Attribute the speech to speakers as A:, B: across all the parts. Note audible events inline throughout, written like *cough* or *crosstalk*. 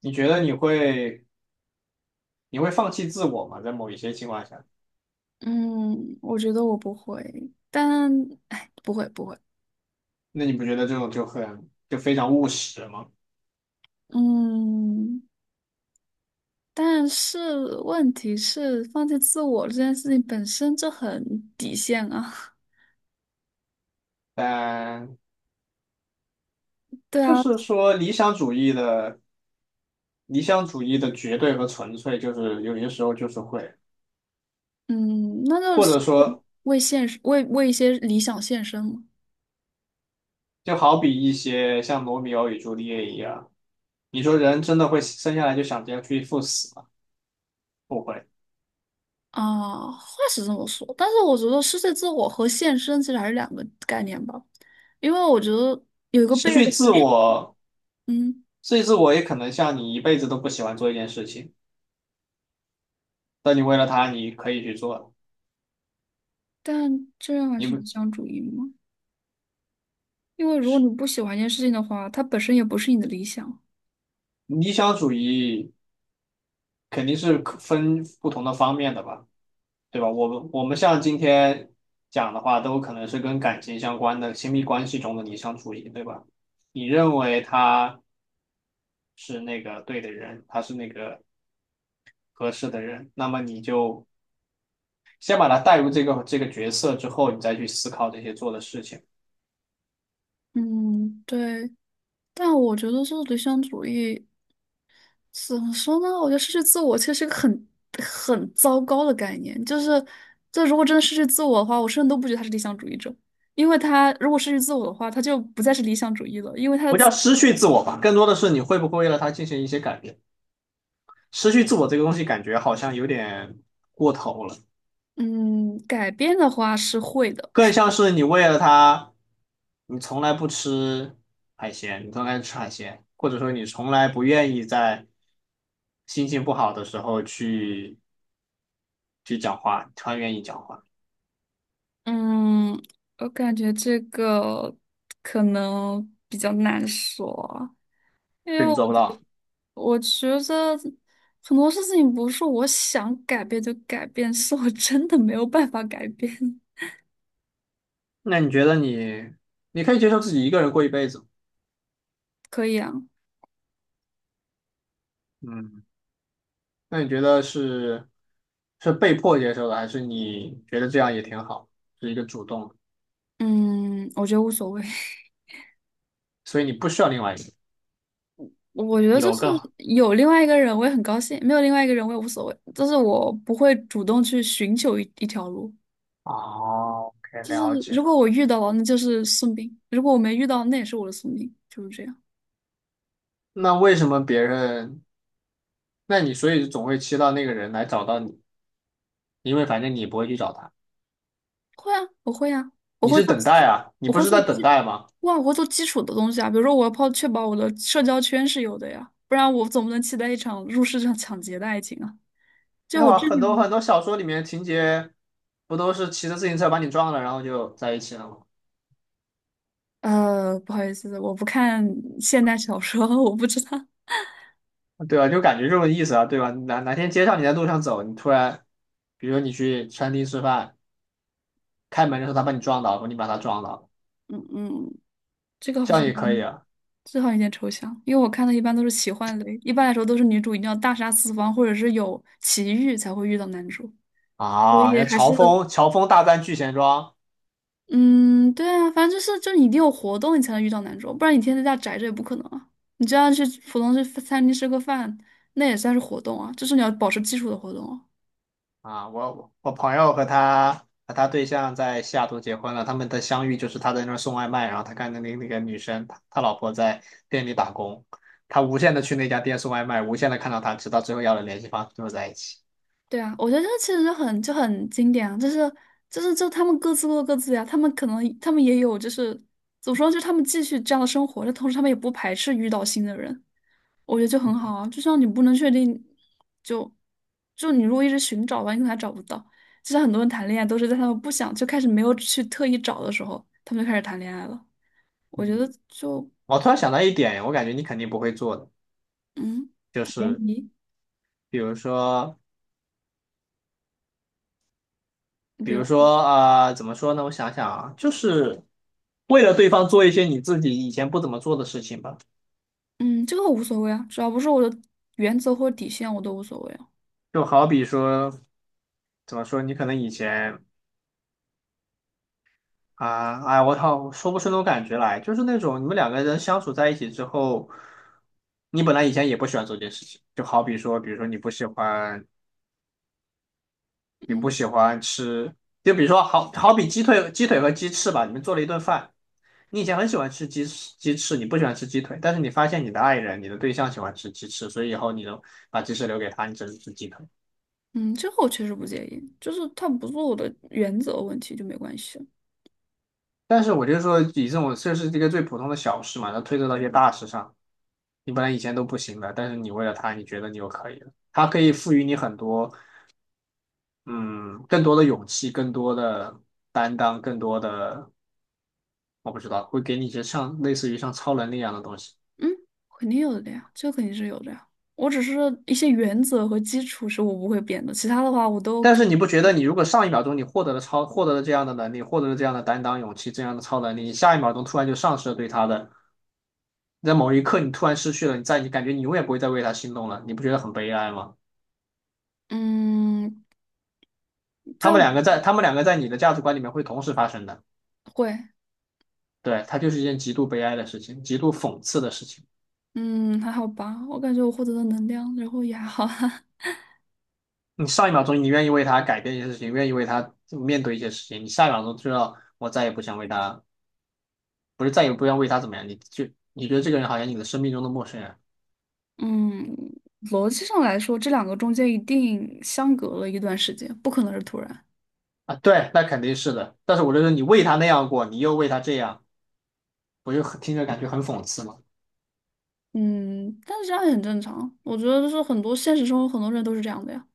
A: 你觉得你会放弃自我吗？在某一些情况下，
B: 嗯，我觉得我不会，但哎，不会不会。
A: 那你不觉得这种就很就非常务实吗？
B: 嗯，但是问题是，放弃自我这件事情本身就很底线啊。
A: 但
B: *laughs* 对
A: 就
B: 啊，
A: 是说理想主义的绝对和纯粹，就是有些时候就是会，
B: 嗯，那就
A: 或
B: 是
A: 者
B: 为
A: 说
B: 为现实为一些理想献身嘛。
A: 就好比一些像罗密欧与朱丽叶一样，你说人真的会生下来就想着要去赴死吗？不会。
B: 啊，话是这么说，但是我觉得失去自我和献身其实还是两个概念吧，因为我觉得有一个
A: 失
B: 悖论
A: 去自
B: 就是，
A: 我，
B: 嗯，
A: 失去自我也可能像你一辈子都不喜欢做一件事情，但你为了它，你可以去做。
B: 但这样还
A: 你
B: 是
A: 不
B: 理想主义吗？因为如果你不喜欢一件事情的话，它本身也不是你的理想。
A: 理想主义。肯定是分不同的方面的吧，对吧？我们像今天讲的话，都可能是跟感情相关的亲密关系中的理想主义，对吧？你认为他是那个对的人，他是那个合适的人，那么你就先把他带入这个角色之后，你再去思考这些做的事情，
B: 嗯，对，但我觉得这理想主义怎么说呢？我觉得失去自我其实是个很糟糕的概念。就是，这如果真的失去自我的话，我甚至都不觉得他是理想主义者，因为他如果失去自我的话，他就不再是理想主义了。因为他的
A: 不
B: 自
A: 叫失去自我吧，更多的是你会不会为了他进行一些改变。失去自我这个东西，感觉好像有点过头了。
B: 嗯，改变的话是会的。
A: 更像是你为了他，你从来不吃你从来不吃海鲜，或者说你从来不愿意在心情不好的时候去讲话，你突然愿意讲话，
B: 嗯，我感觉这个可能比较难说。因为
A: 这你
B: 我
A: 做不到。
B: 我觉得很多事情不是我想改变就改变，是我真的没有办法改变。
A: 那你觉得你可以接受自己一个人过一辈子。
B: 可以啊。
A: 嗯，那你觉得是是被迫接受的，还是你觉得这样也挺好，是一个主动的？
B: 嗯，我觉得无所谓。*laughs*
A: 所以你不需要另外一个人
B: 我觉得就
A: 有
B: 是
A: 更好。
B: 有另外一个人，我也很高兴；没有另外一个人，我也无所谓。就是我不会主动去寻求一条路，
A: 哦，可以
B: 就
A: 了
B: 是
A: 解。
B: 如果我遇到了，那就是宿命；如果我没遇到，那也是我的宿命，就是这样。
A: 那为什么别人那你所以总会期待那个人来找到你，因为反正你不会去找他，
B: 会啊，我会啊，我
A: 你
B: 会
A: 是
B: 做
A: 等待
B: 基，
A: 啊，你
B: 我
A: 不
B: 会
A: 是
B: 做
A: 在等
B: 基，
A: 待吗？
B: 哇，我会做基础的东西啊，比如说我要确保我的社交圈是有的呀，不然我总不能期待一场入室抢劫的爱情啊。
A: 没
B: 就
A: 有
B: 我
A: 啊，
B: 这
A: 很多很
B: 种。
A: 多小说里面情节不都是骑着自行车把你撞了，然后就在一起了吗？
B: 不好意思，我不看现代小说，*laughs* 我不知道
A: 对吧？就感觉这种意思啊，对吧？哪天街上你在路上走，你突然，比如说你去餐厅吃饭，开门的时候他把你撞倒，或你把他撞倒，
B: *laughs*。嗯嗯，这个好
A: 这
B: 像
A: 样也可以啊。
B: 这好像有点抽象，因为我看的一般都是奇幻类，一般来说都是女主一定要大杀四方，或者是有奇遇才会遇到男主，所
A: 啊，
B: 以
A: 要
B: 还
A: 乔
B: 是。
A: 峰，乔峰大战聚贤庄。
B: 嗯，对啊，反正就是你一定有活动，你才能遇到男主，不然你天天在家宅着也不可能啊。你就要去普通去餐厅吃个饭，那也算是活动啊，就是你要保持基础的活动啊。
A: 啊，我朋友和他对象在西雅图结婚了，他们的相遇就是他在那儿送外卖，然后他看那那个女生，他老婆在店里打工，他无限的去那家店送外卖，无限的看到她，直到最后要了联系方式，最后在一起。
B: 对啊，我觉得这其实就很经典啊，就是他们各自过各自呀、他们也有就是怎么说，就是他们继续这样的生活，但同时他们也不排斥遇到新的人。我觉得就很好啊，就像你不能确定，就就你如果一直寻找吧，你可能还找不到。就像很多人谈恋爱都是在他们不想就开始没有去特意找的时候，他们就开始谈恋爱了。我觉
A: 嗯，
B: 得就，
A: 我突然想到一点，我感觉你肯定不会做的，
B: 嗯，
A: 就
B: 联
A: 是
B: 谊。
A: 比如说，
B: 比如说，
A: 怎么说呢？我想想啊，就是为了对方做一些你自己以前不怎么做的事情吧，
B: 嗯，这个我无所谓啊，只要不是我的原则或者底线，我都无所谓啊。
A: 就好比说。怎么说？你可能以前啊，哎，我操，说不出那种感觉来，就是那种你们两个人相处在一起之后，你本来以前也不喜欢做这件事情，就好比说，比如说你不喜欢，你
B: 嗯
A: 不喜欢吃，就比如说好比鸡腿、鸡腿和鸡翅吧，你们做了一顿饭，你以前很喜欢吃鸡翅，你不喜欢吃鸡腿，但是你发现你的爱人、你的对象喜欢吃鸡翅，所以以后你就把鸡翅留给他，你只能吃鸡腿。
B: 嗯，这个我确实不介意，就是他不是我的原则问题就没关系啊。
A: 但是我就说，以这种这是一个最普通的小事嘛，它推测到一些大事上。你本来以前都不行的，但是你为了他，你觉得你又可以了。他可以赋予你很多，嗯，更多的勇气，更多的担当，更多的，我不知道，会给你一些像类似于像超能力一样的东西。
B: 嗯，肯定有的呀，这肯定是有的呀。我只是一些原则和基础是我不会变的，其他的话我都
A: 但
B: 可。
A: 是你不觉得你如果上一秒钟你获得了这样的能力，获得了这样的担当、勇气、这样的超能力，你下一秒钟突然就丧失了对他的，在某一刻你突然失去了，你感觉你永远不会再为他心动了，你不觉得很悲哀吗？
B: 嗯。在我
A: 他们两个在你的价值观里面会同时发生的。
B: 会。
A: 对，它就是一件极度悲哀的事情，极度讽刺的事情。
B: 嗯还好吧，我感觉我获得的能量，然后也还好哈。
A: 你上一秒钟你愿意为他改变一些事情，愿意为他面对一些事情，你下一秒钟就要我再也不想为他，不是再也不要为他怎么样，你就你觉得这个人好像你的生命中的陌生人。
B: *laughs* 嗯，逻辑上来说，这两个中间一定相隔了一段时间，不可能是突然。
A: 啊？对，那肯定是的。但是我就说你为他那样过，你又为他这样，我就听着感觉很讽刺嘛。
B: 嗯，但是这样也很正常。我觉得就是很多现实生活很多人都是这样的呀，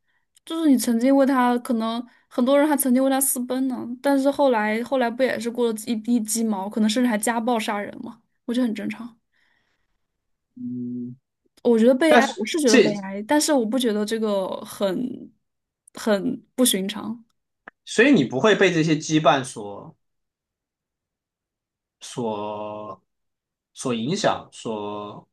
B: 就是你曾经为他，可能很多人还曾经为他私奔呢，但是后来不也是过了一地鸡毛，可能甚至还家暴杀人嘛，我觉得很正常。
A: 嗯，
B: 我觉得悲
A: 但
B: 哀，
A: 是
B: 我是觉得
A: 这，
B: 悲哀，但是我不觉得这个很不寻常。
A: 所以你不会被这些羁绊所所所影响，所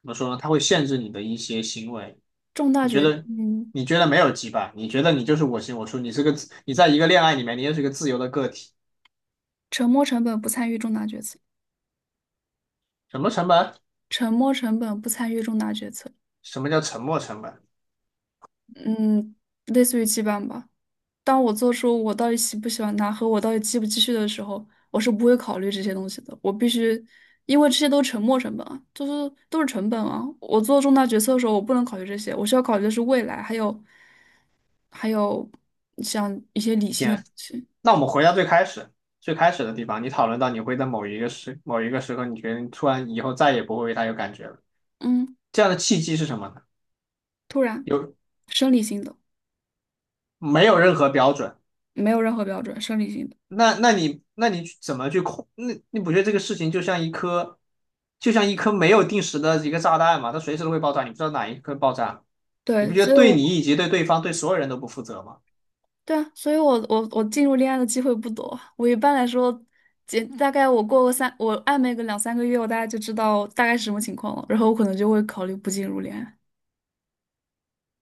A: 怎么说呢？它会限制你的一些行为。
B: 重大
A: 你觉
B: 决
A: 得
B: 定。
A: 你觉得没有羁绊，你觉得你就是我行我素，你在一个恋爱里面，你也是个自由的个体。
B: 沉没成本不参与重大决策。
A: 什么成本？
B: 沉没成本不参与重大决策。
A: 什么叫沉没成本？
B: 嗯，类似于羁绊吧。当我做出我到底喜不喜欢他和我到底继不继续的时候，我是不会考虑这些东西的。我必须，因为这些都是沉没成本啊，就是都是成本啊。我做重大决策的时候，我不能考虑这些，我需要考虑的是未来，还有还有像一些理性的
A: 天，
B: 东西。
A: 那我们回到最开始。最开始的地方，你讨论到你会在某一个时刻，你觉得你突然以后再也不会为他有感觉了，
B: 嗯，
A: 这样的契机是什么呢？
B: 突然，
A: 有
B: 生理性的，
A: 没有任何标准？
B: 没有任何标准，生理性的。
A: 那你怎么去控？那你不觉得这个事情就像一颗，就像一颗没有定时的一个炸弹嘛？它随时都会爆炸，你不知道哪一颗爆炸，你
B: 对，
A: 不觉
B: 所
A: 得
B: 以
A: 对你
B: 我。
A: 以及对对方对所有人都不负责吗
B: 对啊，所以我进入恋爱的机会不多。我一般来说，大概我暧昧个两三个月，我大概就知道大概是什么情况了，然后我可能就会考虑不进入恋爱。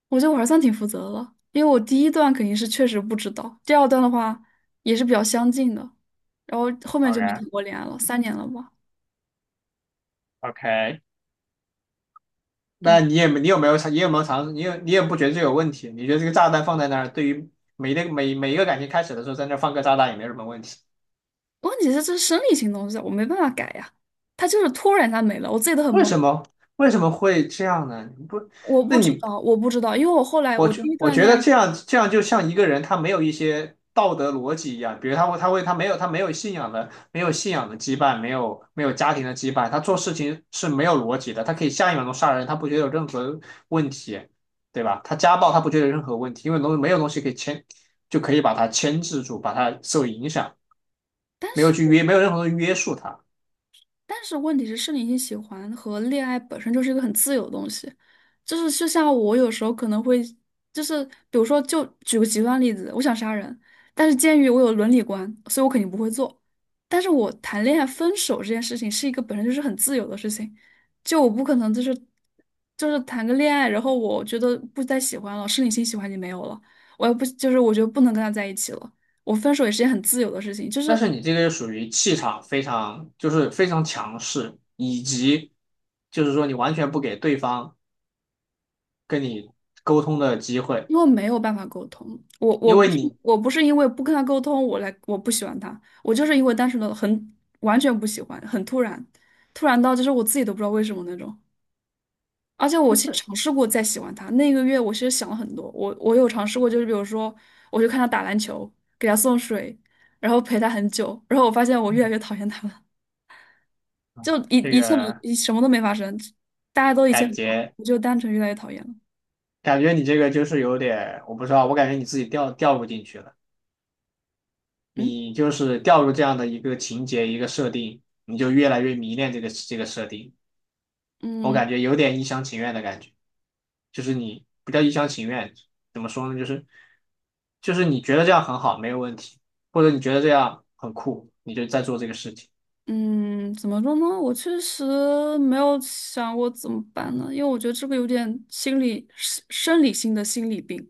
B: 我觉得我还算挺负责的了，因为我第一段肯定是确实不知道，第二段的话也是比较相近的，然后后面就没
A: ？OK。
B: 谈过恋爱了，3年了吧。
A: OK,那
B: 嗯，
A: 你也没你有没有尝试？你也不觉得这有问题？你觉得这个炸弹放在那儿，对于每一个感情开始的时候，在那儿放个炸弹也没什么问题？
B: 问题是这是生理性东西啊，我没办法改呀，他就是突然它没了，我自己都很
A: 为
B: 懵，
A: 什么为什么会这样呢？你不，
B: 我
A: 那
B: 不知
A: 你
B: 道，我不知道，因为我后来
A: 我
B: 我
A: 就
B: 第一
A: 我
B: 段
A: 觉
B: 恋
A: 得
B: 爱。
A: 这样这样就像一个人他没有一些道德逻辑一样，比如他没有信仰的羁绊，没有家庭的羁绊，他做事情是没有逻辑的，他可以下一秒钟杀人，他不觉得有任何问题，对吧？他家暴他不觉得有任何问题，因为没有东西可以就可以把他牵制住，把他受影响，
B: 但是
A: 没有任何的约束他。
B: 但是问题是，是理性喜欢和恋爱本身就是一个很自由的东西，就是就像我有时候可能会，就是比如说，就举个极端例子，我想杀人，但是鉴于我有伦理观，所以我肯定不会做。但是我谈恋爱分手这件事情是一个本身就是很自由的事情，就我不可能就是谈个恋爱，然后我觉得不再喜欢了，生理性喜欢已经没有了，我也不就是我觉得不能跟他在一起了，我分手也是件很自由的事情，就
A: 但
B: 是。
A: 是你这个就属于气场非常就是非常强势，以及就是说你完全不给对方。跟你沟通的机会，
B: 因为没有办法沟通，我我
A: 因为
B: 不是
A: 你
B: 我不是因为不跟他沟通，我不喜欢他，我就是因为单纯的完全不喜欢，很突然，突然到就是我自己都不知道为什么那种。而且我其实尝试过再喜欢他，那个月我其实想了很多，我有尝试过，就是比如说我就看他打篮球，给他送水，然后陪他很久，然后我发现我越来越讨厌他了，就
A: 这
B: 一切
A: 个
B: 什么都没发生，大家都一切
A: 感
B: 很好，
A: 觉
B: 我就单纯越来越讨厌了。
A: 感觉你这个就是有点，我不知道，我感觉你自己掉入进去了，
B: 嗯
A: 你就是掉入这样的一个情节一个设定，你就越来越迷恋这个设定，我
B: 嗯。
A: 感觉有点一厢情愿的感觉，就是你不叫一厢情愿，怎么说呢？就是你觉得这样很好，没有问题，或者你觉得这样很酷，你就在做这个事情
B: 嗯，怎么说呢？我确实没有想过怎么办呢，因为我觉得这个有点心理生生理性的心理病，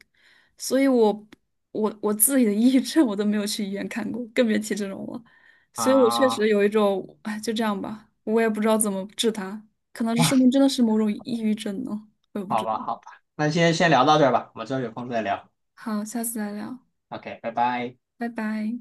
B: 所以我自己的抑郁症我都没有去医院看过，更别提这种了。所以我确实
A: 啊。
B: 有一种，哎，就这样吧，我也不知道怎么治它，可能这说
A: 哇，
B: 明真的是某种抑郁症呢，我也不
A: 好
B: 知道。
A: 吧，好吧，那先聊到这儿吧，我们之后有空再聊。
B: 好，下次再聊，
A: OK,拜拜。
B: 拜拜。